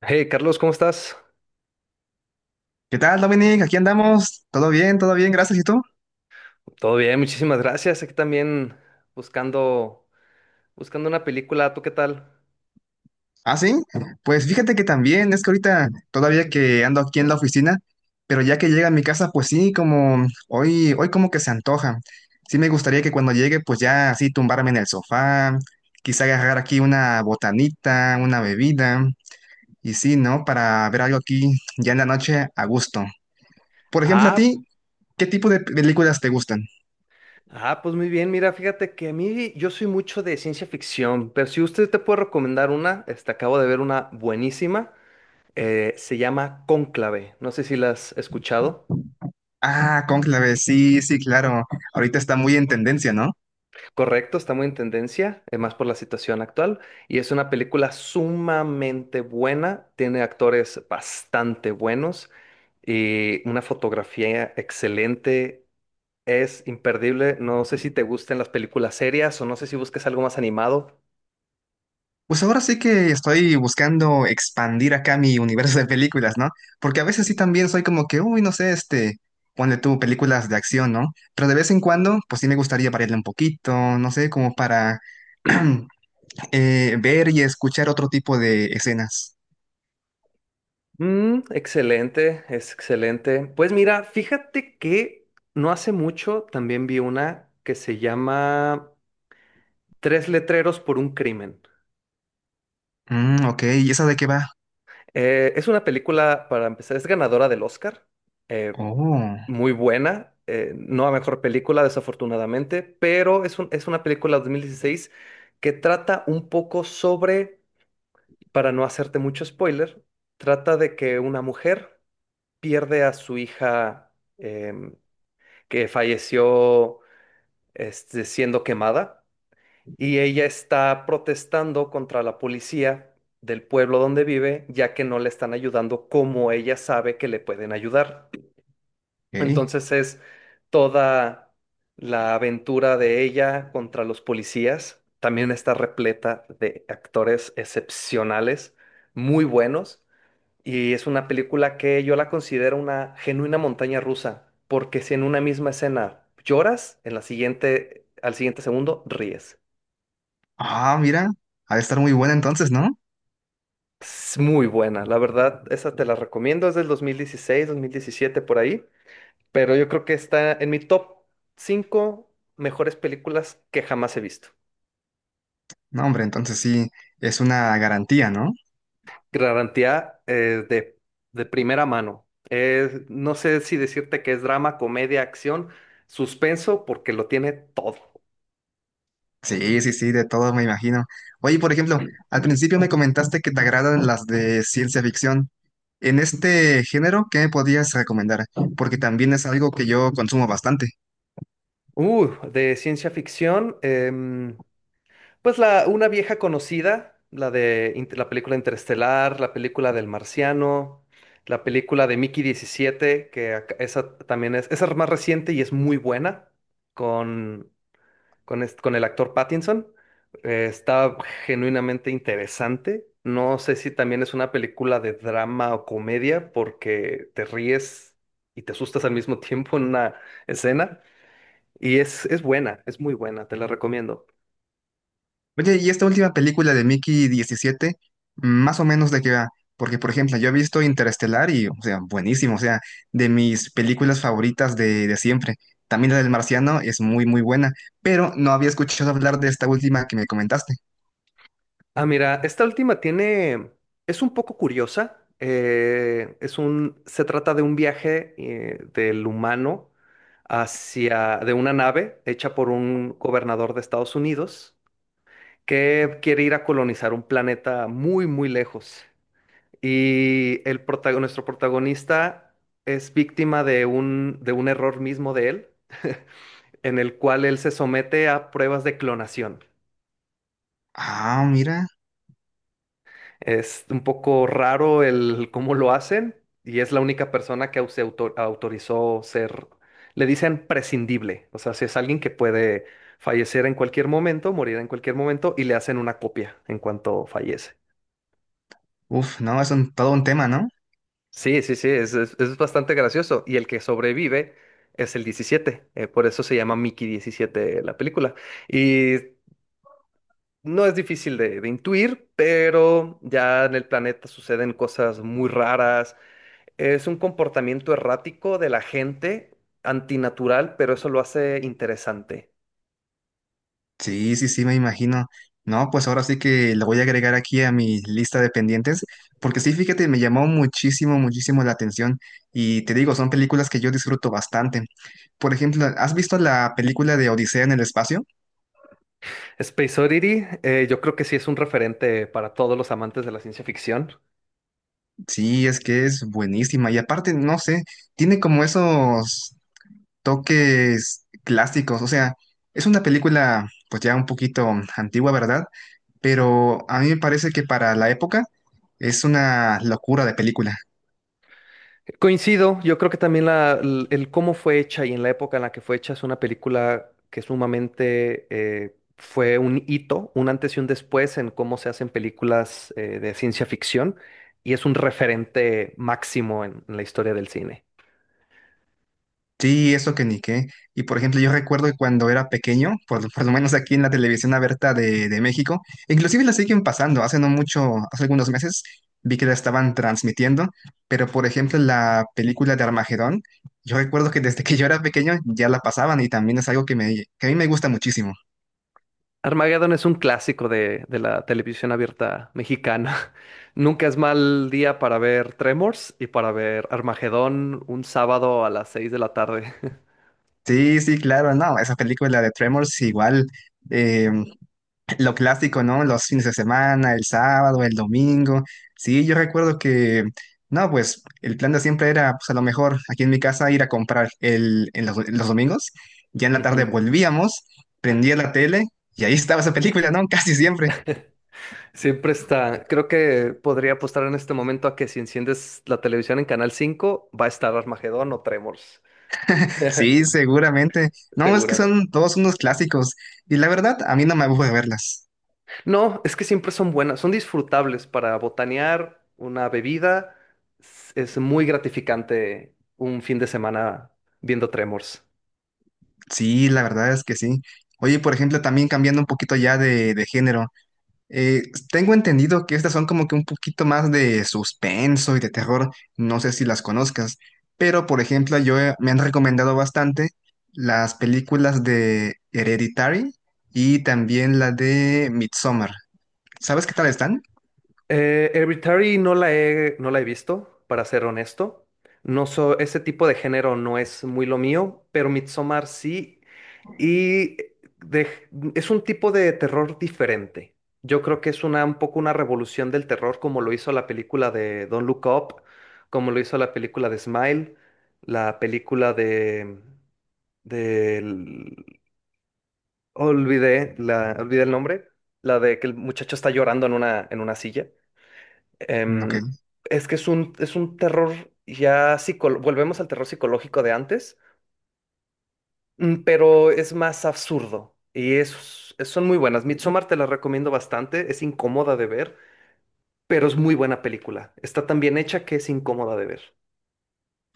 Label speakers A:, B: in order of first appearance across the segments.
A: Hey Carlos, ¿cómo estás?
B: ¿Qué tal, Dominic? Aquí andamos. ¿Todo bien? ¿Todo bien? Gracias. ¿Y tú?
A: Todo bien, muchísimas gracias. Aquí también buscando, buscando una película. ¿Tú qué tal?
B: ¿Ah, sí? Pues fíjate que también, es que ahorita todavía que ando aquí en la oficina, pero ya que llega a mi casa, pues sí, como hoy, hoy como que se antoja. Sí me gustaría que cuando llegue, pues ya así tumbarme en el sofá, quizá agarrar aquí una botanita, una bebida, y sí, ¿no? Para ver algo aquí ya en la noche a gusto. Por ejemplo, a
A: Ah,
B: ti, ¿qué tipo de películas te gustan?
A: pues muy bien. Mira, fíjate que a mí yo soy mucho de ciencia ficción, pero si usted te puede recomendar una, acabo de ver una buenísima. Se llama Cónclave. No sé si la has escuchado.
B: Ah, Cónclave, sí, sí, claro. Ahorita está muy en tendencia, ¿no?
A: Correcto, está muy en tendencia, más por la situación actual, y es una película sumamente buena, tiene actores bastante buenos y una fotografía excelente, es imperdible, no sé si te gusten las películas serias o no sé si busques algo más animado.
B: Pues ahora sí que estoy buscando expandir acá mi universo de películas, ¿no? Porque a veces sí también soy como que, uy, no sé, este, ponle tú películas de acción, ¿no? Pero de vez en cuando, pues sí me gustaría variarle un poquito, no sé, como para ver y escuchar otro tipo de escenas.
A: Mm, excelente, es excelente. Pues mira, fíjate que no hace mucho también vi una que se llama Tres letreros por un crimen.
B: Mm, ok, ¿y esa de qué va?
A: Es una película, para empezar, es ganadora del Oscar, eh,
B: Oh,
A: muy buena, no a mejor película desafortunadamente, pero es una película de dieciséis que trata un poco sobre, para no hacerte mucho spoiler, trata de que una mujer pierde a su hija em, que falleció siendo quemada y ella está protestando contra la policía del pueblo donde vive, ya que no le están ayudando como ella sabe que le pueden ayudar.
B: ok.
A: Entonces es toda la aventura de ella contra los policías. También está repleta de actores excepcionales, muy buenos. Y es una película que yo la considero una genuina montaña rusa, porque si en una misma escena lloras, en la siguiente, al siguiente segundo ríes.
B: Ah, mira, ha de estar muy buena entonces, ¿no?
A: Es muy buena, la verdad, esa te la recomiendo, es del 2016, 2017 por ahí, pero yo creo que está en mi top 5 mejores películas que jamás he visto.
B: No, hombre, entonces sí, es una garantía, ¿no?
A: Garantía de primera mano. No sé si decirte que es drama, comedia, acción, suspenso, porque lo tiene todo.
B: Sí, sí, sí, de todo me imagino. Oye, por ejemplo, al principio me comentaste que te agradan las de ciencia ficción. En este género, ¿qué me podías recomendar? Porque también es algo que yo consumo bastante.
A: De ciencia ficción, em, pues una vieja conocida, la película Interestelar, la película del Marciano, la película de Mickey 17, esa también es, esa es más reciente y es muy buena, con, con, con el actor Pattinson. Está genuinamente interesante. No sé si también es una película de drama o comedia, porque te ríes y te asustas al mismo tiempo en una escena. Y es buena, es muy buena, te la recomiendo.
B: Oye, y esta última película de Mickey 17 más o menos de qué va. Porque, por ejemplo, yo he visto Interestelar y, o sea, buenísimo, o sea, de mis películas favoritas de siempre. También la del Marciano es muy, muy buena, pero no había escuchado hablar de esta última que me comentaste.
A: Ah, mira, esta última tiene, es un poco curiosa. Es un, se trata de un viaje del humano hacia, de una nave hecha por un gobernador de Estados Unidos que quiere ir a colonizar un planeta muy, muy lejos. Y el nuestro protagonista es víctima de un error mismo de él, en el cual él se somete a pruebas de clonación.
B: Ah, mira.
A: Es un poco raro el cómo lo hacen y es la única persona que autorizó ser, le dicen prescindible, o sea, si es alguien que puede fallecer en cualquier momento, morir en cualquier momento y le hacen una copia en cuanto fallece.
B: Uf, no, es un, todo un tema, ¿no?
A: Sí, sí, sí, es, es bastante gracioso y el que sobrevive es el 17 por eso se llama Mickey diecisiete la película. Y no es difícil de intuir, pero ya en el planeta suceden cosas muy raras. Es un comportamiento errático de la gente, antinatural, pero eso lo hace interesante.
B: Sí, sí, sí, me imagino. No, pues ahora sí que lo voy a agregar aquí a mi lista de pendientes, porque sí, fíjate, me llamó muchísimo, muchísimo la atención y te digo, son películas que yo disfruto bastante. Por ejemplo, ¿has visto la película de Odisea en el espacio?
A: Space Oddity, yo creo que sí es un referente para todos los amantes de la ciencia ficción.
B: Sí, es que es buenísima y aparte, no sé, tiene como esos toques clásicos, o sea, es una película pues ya un poquito antigua, ¿verdad? Pero a mí me parece que para la época es una locura de película.
A: Coincido, yo creo que también el cómo fue hecha y en la época en la que fue hecha es una película que sumamente fue un hito, un antes y un después en cómo se hacen películas de ciencia ficción y es un referente máximo en la historia del cine.
B: Sí, eso que ni qué. Y por ejemplo, yo recuerdo que cuando era pequeño, por, lo por lo menos aquí en la televisión abierta de México, inclusive la siguen pasando, hace no mucho, hace algunos meses vi que la estaban transmitiendo, pero por ejemplo la película de Armagedón, yo recuerdo que desde que yo era pequeño ya la pasaban y también es algo que, me, que a mí me gusta muchísimo.
A: Armageddon es un clásico de la televisión abierta mexicana. Nunca es mal día para ver Tremors y para ver Armagedón un sábado a las 6 de la tarde.
B: Sí, sí, claro, no, esa película de Tremors igual. eh, Lo clásico, ¿no? Los fines de semana, el sábado, el domingo. Sí, yo recuerdo que, no, pues el plan de siempre era, pues a lo mejor aquí en mi casa ir a comprar el, en los domingos. Ya en la tarde
A: Ujú.
B: volvíamos, prendía la tele y ahí estaba esa película, ¿no? Casi siempre.
A: Siempre está. Creo que podría apostar en este momento a que si enciendes la televisión en Canal 5 va a estar Armagedón o Tremors.
B: Sí, seguramente. No, es que
A: Seguramente.
B: son todos unos clásicos y la verdad, a mí no me aburre verlas.
A: No, es que siempre son buenas, son disfrutables para botanear una bebida. Es muy gratificante un fin de semana viendo Tremors.
B: Sí, la verdad es que sí. Oye, por ejemplo, también cambiando un poquito ya de género. Eh, tengo entendido que estas son como que un poquito más de suspenso y de terror, no sé si las conozcas, pero por ejemplo me han recomendado bastante las películas de Hereditary y también la de Midsommar. ¿Sabes qué tal están?
A: Hereditary no la he visto, para ser honesto. No so, ese tipo de género no es muy lo mío, pero Midsommar sí. Y de- es un tipo de terror diferente. Yo creo que es una, un poco una revolución del terror, como lo hizo la película de Don't Look Up, como lo hizo la película de Smile, la película de, del- olvidé, olvidé el nombre, la de que el muchacho está llorando en una silla.
B: Mm, ok.
A: Em, es que es un terror ya psicológico, volvemos al terror psicológico de antes, pero es más absurdo y es, son muy buenas. Midsommar te la recomiendo bastante, es incómoda de ver, pero es muy buena película. Está tan bien hecha que es incómoda de ver.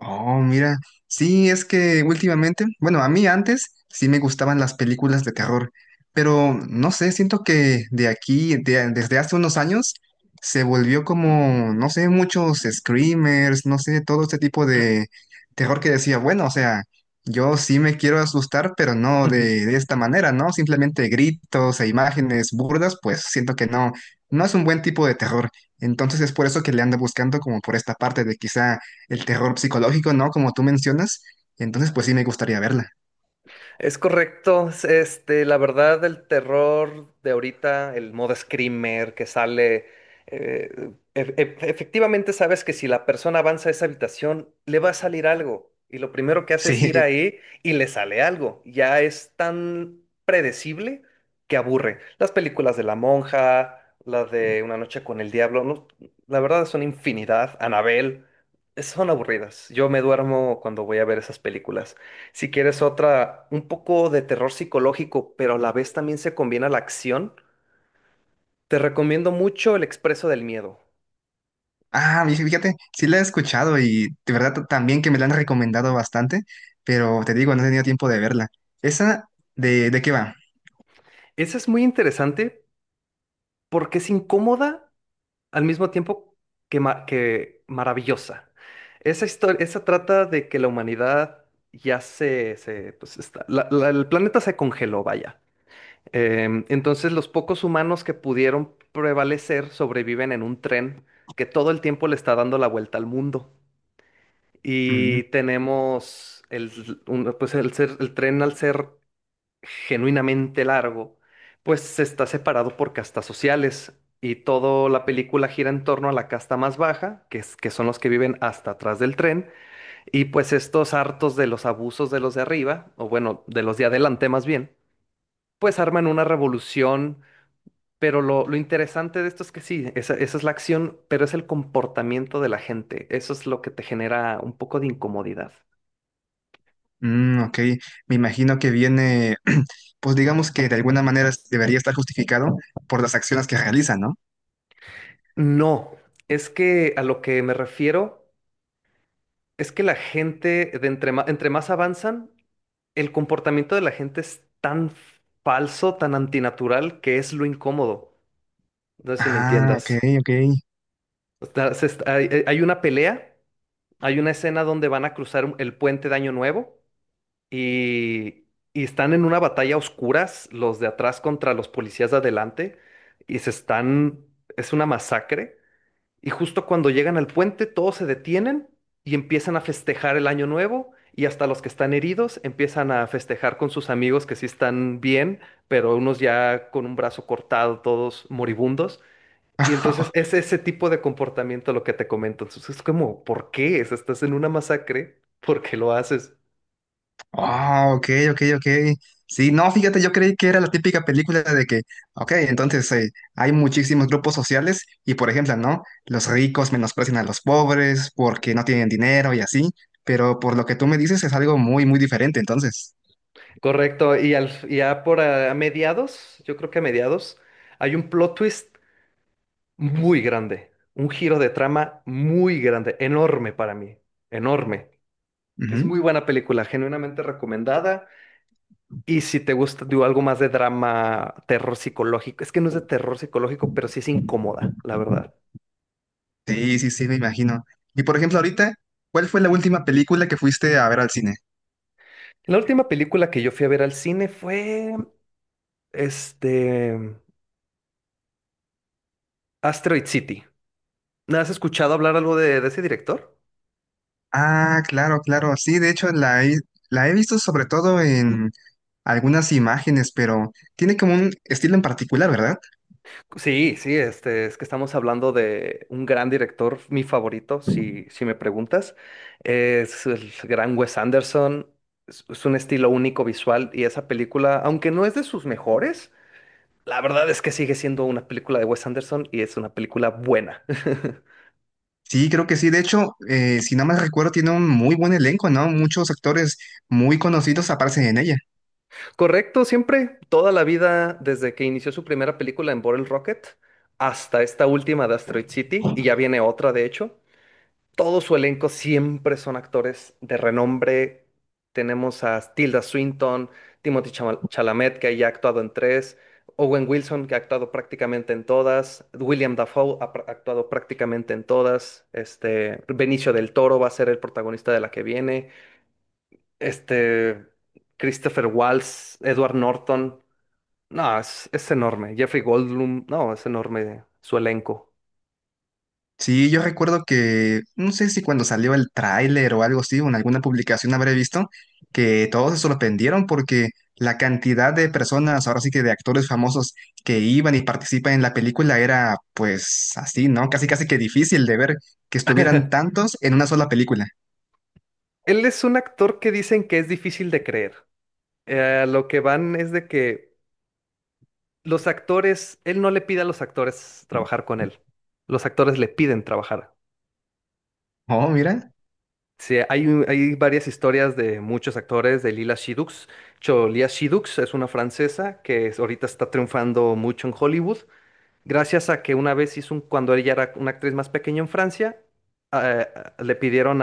B: Oh, mira, sí, es que últimamente, bueno, a mí antes sí me gustaban las películas de terror, pero no sé, siento que de aquí, desde hace unos años, se volvió como, no sé, muchos screamers, no sé, todo este tipo de terror que decía, bueno, o sea, yo sí me quiero asustar, pero no de, de esta manera, ¿no? Simplemente gritos e imágenes burdas, pues siento que no, no es un buen tipo de terror. Entonces es por eso que le ando buscando como por esta parte de quizá el terror psicológico, ¿no? Como tú mencionas. Entonces, pues sí me gustaría verla.
A: Es correcto, este, la verdad, el terror de ahorita, el modo screamer que sale, eh, efectivamente sabes que si la persona avanza a esa habitación, le va a salir algo. Y lo primero que hace es ir
B: Sí.
A: ahí y le sale algo. Ya es tan predecible que aburre. Las películas de La Monja, las de Una Noche con el Diablo, no, la verdad son infinidad. Anabel, son aburridas. Yo me duermo cuando voy a ver esas películas. Si quieres otra, un poco de terror psicológico, pero a la vez también se combina la acción, te recomiendo mucho El Expreso del Miedo.
B: Ah, y fíjate, sí la he escuchado y de verdad también que me la han recomendado bastante, pero te digo, no he tenido tiempo de verla. ¿Esa de qué va?
A: Esa es muy interesante porque es incómoda al mismo tiempo que, que maravillosa. Esa historia, esa trata de que la humanidad ya se pues está, el planeta se congeló, vaya. Entonces los pocos humanos que pudieron prevalecer sobreviven en un tren que todo el tiempo le está dando la vuelta al mundo.
B: Mm,
A: Y tenemos pues el tren al ser genuinamente largo, pues se está separado por castas sociales y toda la película gira en torno a la casta más baja, que son los que viven hasta atrás del tren, y pues estos hartos de los abusos de los de arriba, o bueno, de los de adelante más bien, pues arman una revolución, pero lo interesante de esto es que sí, esa es la acción, pero es el comportamiento de la gente, eso es lo que te genera un poco de incomodidad.
B: mm, ok, me imagino que viene, pues digamos que de alguna manera debería estar justificado por las acciones que realiza, ¿no?
A: No, es que a lo que me refiero es que la gente, de entre más avanzan, el comportamiento de la gente es tan falso, tan antinatural, que es lo incómodo. No sé si me
B: Ah, ok,
A: entiendas.
B: ok.
A: O sea, se est- hay- hay una pelea, hay una escena donde van a cruzar el puente de Año Nuevo y, y están en una batalla a oscuras, los de atrás contra los policías de adelante, y es una masacre. Y justo cuando llegan al puente, todos se detienen y empiezan a festejar el año nuevo. Y hasta los que están heridos empiezan a festejar con sus amigos que sí están bien, pero unos ya con un brazo cortado, todos moribundos. Y entonces es ese tipo de comportamiento lo que te comento. Entonces es como, ¿por qué? Si estás en una masacre, ¿por qué lo haces?
B: Ah, ok, ok, ok. Sí, no, fíjate, yo creí que era la típica película de que, ok, entonces hay muchísimos grupos sociales y, por ejemplo, ¿no? Los ricos menosprecian a los pobres porque no tienen dinero y así, pero por lo que tú me dices es algo muy, muy diferente, entonces.
A: Correcto. Y al, y ya por a mediados, yo creo que a mediados, hay un plot twist muy grande, un giro de trama muy grande, enorme para mí, enorme. Es
B: Ujú.
A: muy buena película, genuinamente recomendada. Y si te gusta, digo, algo más de drama, terror psicológico, es que no es de terror psicológico, pero sí es incómoda, la verdad.
B: Sí, sí, sí, me imagino. Y, por ejemplo, ahorita, ¿cuál fue la
A: Mm.
B: última película que fuiste a ver al cine?
A: La última película que yo fui a ver al cine fue, este, Asteroid City. ¿No? ¿Has escuchado hablar algo de ese director?
B: Ah, claro, claro, sí, de hecho la he visto sobre todo algunas imágenes, pero tiene como un estilo en particular, ¿verdad?
A: Sí, sí, es que estamos hablando de un gran director, mi favorito, si me preguntas. Es el gran Wes Anderson, es un estilo único visual y esa película, aunque no es de sus mejores, la verdad es que sigue siendo una película de Wes Anderson y es una película buena.
B: Sí, creo que sí. De hecho, si no mal recuerdo, tiene un muy buen elenco, ¿no? Muchos actores muy conocidos aparecen en ella.
A: Correcto, siempre, toda la vida, desde que inició su primera película en Bottle Rocket hasta esta última de Asteroid City, y ya viene otra, de hecho. Todo su elenco siempre son actores de renombre. Tenemos a Tilda Swinton, Chalamet, que ya ha actuado en tres, Owen Wilson, que ha actuado prácticamente en todas, William Dafoe actuado prácticamente en todas, Benicio del Toro va a ser el protagonista de la que viene, este, Christopher Waltz, Edward Norton. No, es enorme. Jeffrey Goldblum, no, es enorme su elenco.
B: Sí, yo recuerdo que, no sé si cuando salió el tráiler o algo así, o en alguna publicación habré visto, que todos se sorprendieron porque la cantidad de personas, ahora sí que de actores famosos que iban y participan en la película era pues así, ¿no? Casi casi que difícil de ver que estuvieran tantos en una sola película.
A: Él es un actor que dicen que es difícil de creer. Lo que van es de que los actores, él no le pide a los actores trabajar con él. Los actores le piden trabajar.
B: Oh, mira.
A: Sí, hay, hay varias historias de muchos actores, de Lila Shidux. Cholia Shidux es una francesa que ahorita está triunfando mucho en Hollywood, gracias a que una vez hizo un, cuando ella era una actriz más pequeña en Francia, eh, le pidieron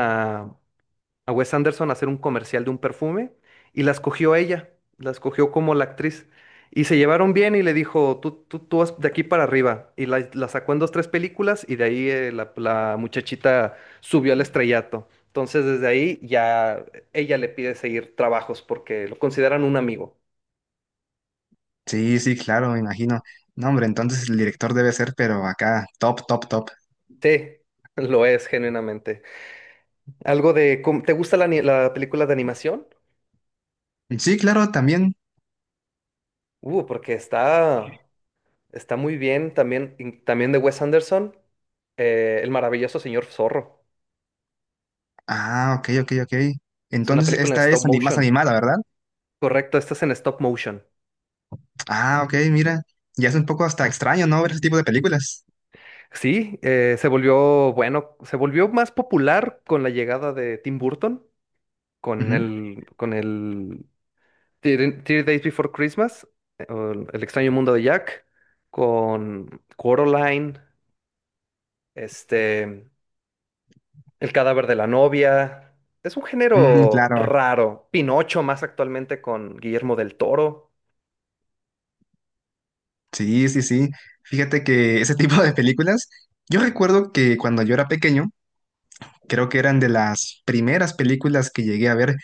A: a Wes Anderson a hacer un comercial de un perfume y la escogió a ella, la escogió como la actriz. Y se llevaron bien y le dijo, tú vas de aquí para arriba. Y la sacó en dos, tres películas y de ahí la muchachita subió al estrellato. Entonces desde ahí ya ella le pide seguir trabajos porque lo consideran un amigo.
B: Sí, sí, claro, me imagino. No, hombre, entonces el director debe ser, pero acá, top, top, top.
A: Sí, lo es genuinamente. Algo de, ¿te gusta la película de animación?
B: Sí, claro, también.
A: Uh, porque está, Está muy bien también, también de Wes Anderson, El maravilloso señor Zorro.
B: Ah, ok, ok, ok.
A: Es una
B: Entonces
A: película en
B: esta
A: stop
B: es más
A: motion.
B: animada, ¿verdad?
A: Correcto, esta es en stop motion.
B: Ah, ok, mira. Ya es un poco hasta extraño, ¿no? Ver ese tipo de películas.
A: Sí, se volvió, bueno, se volvió más popular con la llegada de Tim Burton, con
B: Ujú.
A: con el Three Days Before Christmas, o El extraño mundo de Jack, con Coraline, este, El cadáver de la novia. Es un
B: Mm,
A: género
B: claro.
A: raro. Pinocho más actualmente con Guillermo del Toro.
B: Sí, sí, sí. Fíjate que ese tipo de películas, yo recuerdo que cuando yo era pequeño, creo que eran de las primeras películas que llegué a ver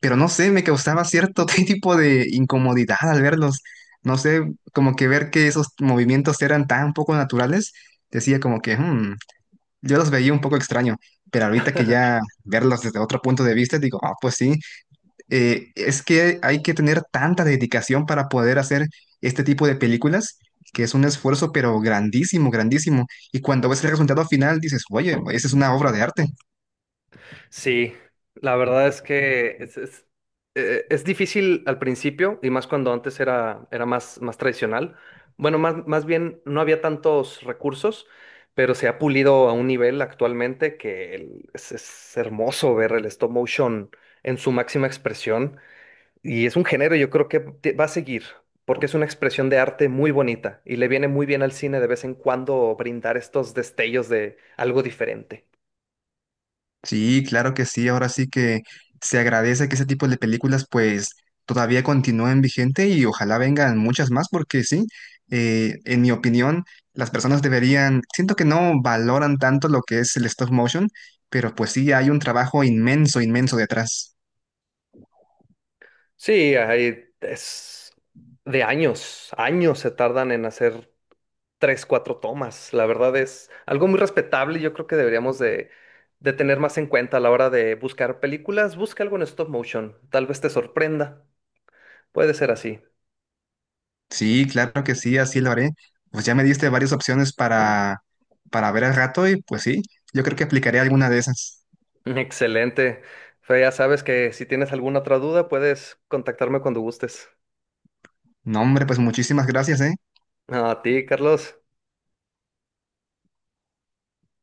B: pero no sé, me causaba cierto tipo de incomodidad al verlos. No sé, como que ver que esos movimientos eran tan poco naturales, decía como que, "Hmm", yo los veía un poco extraño, pero ahorita que ya verlos desde otro punto de vista, digo, ah, pues sí, es que hay que tener tanta dedicación para poder hacer este tipo de películas, que es un esfuerzo, pero grandísimo, grandísimo. Y cuando ves el resultado final, dices, oye, esa es una obra de arte.
A: Sí, la verdad es que es, es difícil al principio y más cuando antes era, era más, más tradicional. Bueno, más, más bien no había tantos recursos, pero se ha pulido a un nivel actualmente que es hermoso ver el stop motion en su máxima expresión. Y es un género, yo creo que va a seguir, porque es una expresión de arte muy bonita y le viene muy bien al cine de vez en cuando brindar estos destellos de algo diferente.
B: Sí, claro que sí. Ahora sí que se agradece que ese tipo de películas pues todavía continúen vigente y ojalá vengan muchas más porque sí, en mi opinión, las personas deberían, siento que no valoran tanto lo que es el stop motion, pero pues sí, hay un trabajo inmenso, inmenso detrás.
A: Sí, hay, es de años, años se tardan en hacer tres, cuatro tomas. La verdad es algo muy respetable y yo creo que deberíamos de tener más en cuenta a la hora de buscar películas. Busca algo en stop motion, tal vez te sorprenda. Puede ser así.
B: Sí, claro que sí, así lo haré. Pues ya me diste varias opciones para ver al rato y pues sí, yo creo que aplicaré alguna de esas.
A: Excelente. Fe, ya sabes que si tienes alguna otra duda, puedes contactarme cuando gustes.
B: No, hombre, pues muchísimas gracias, ¿eh?
A: A ti, Carlos.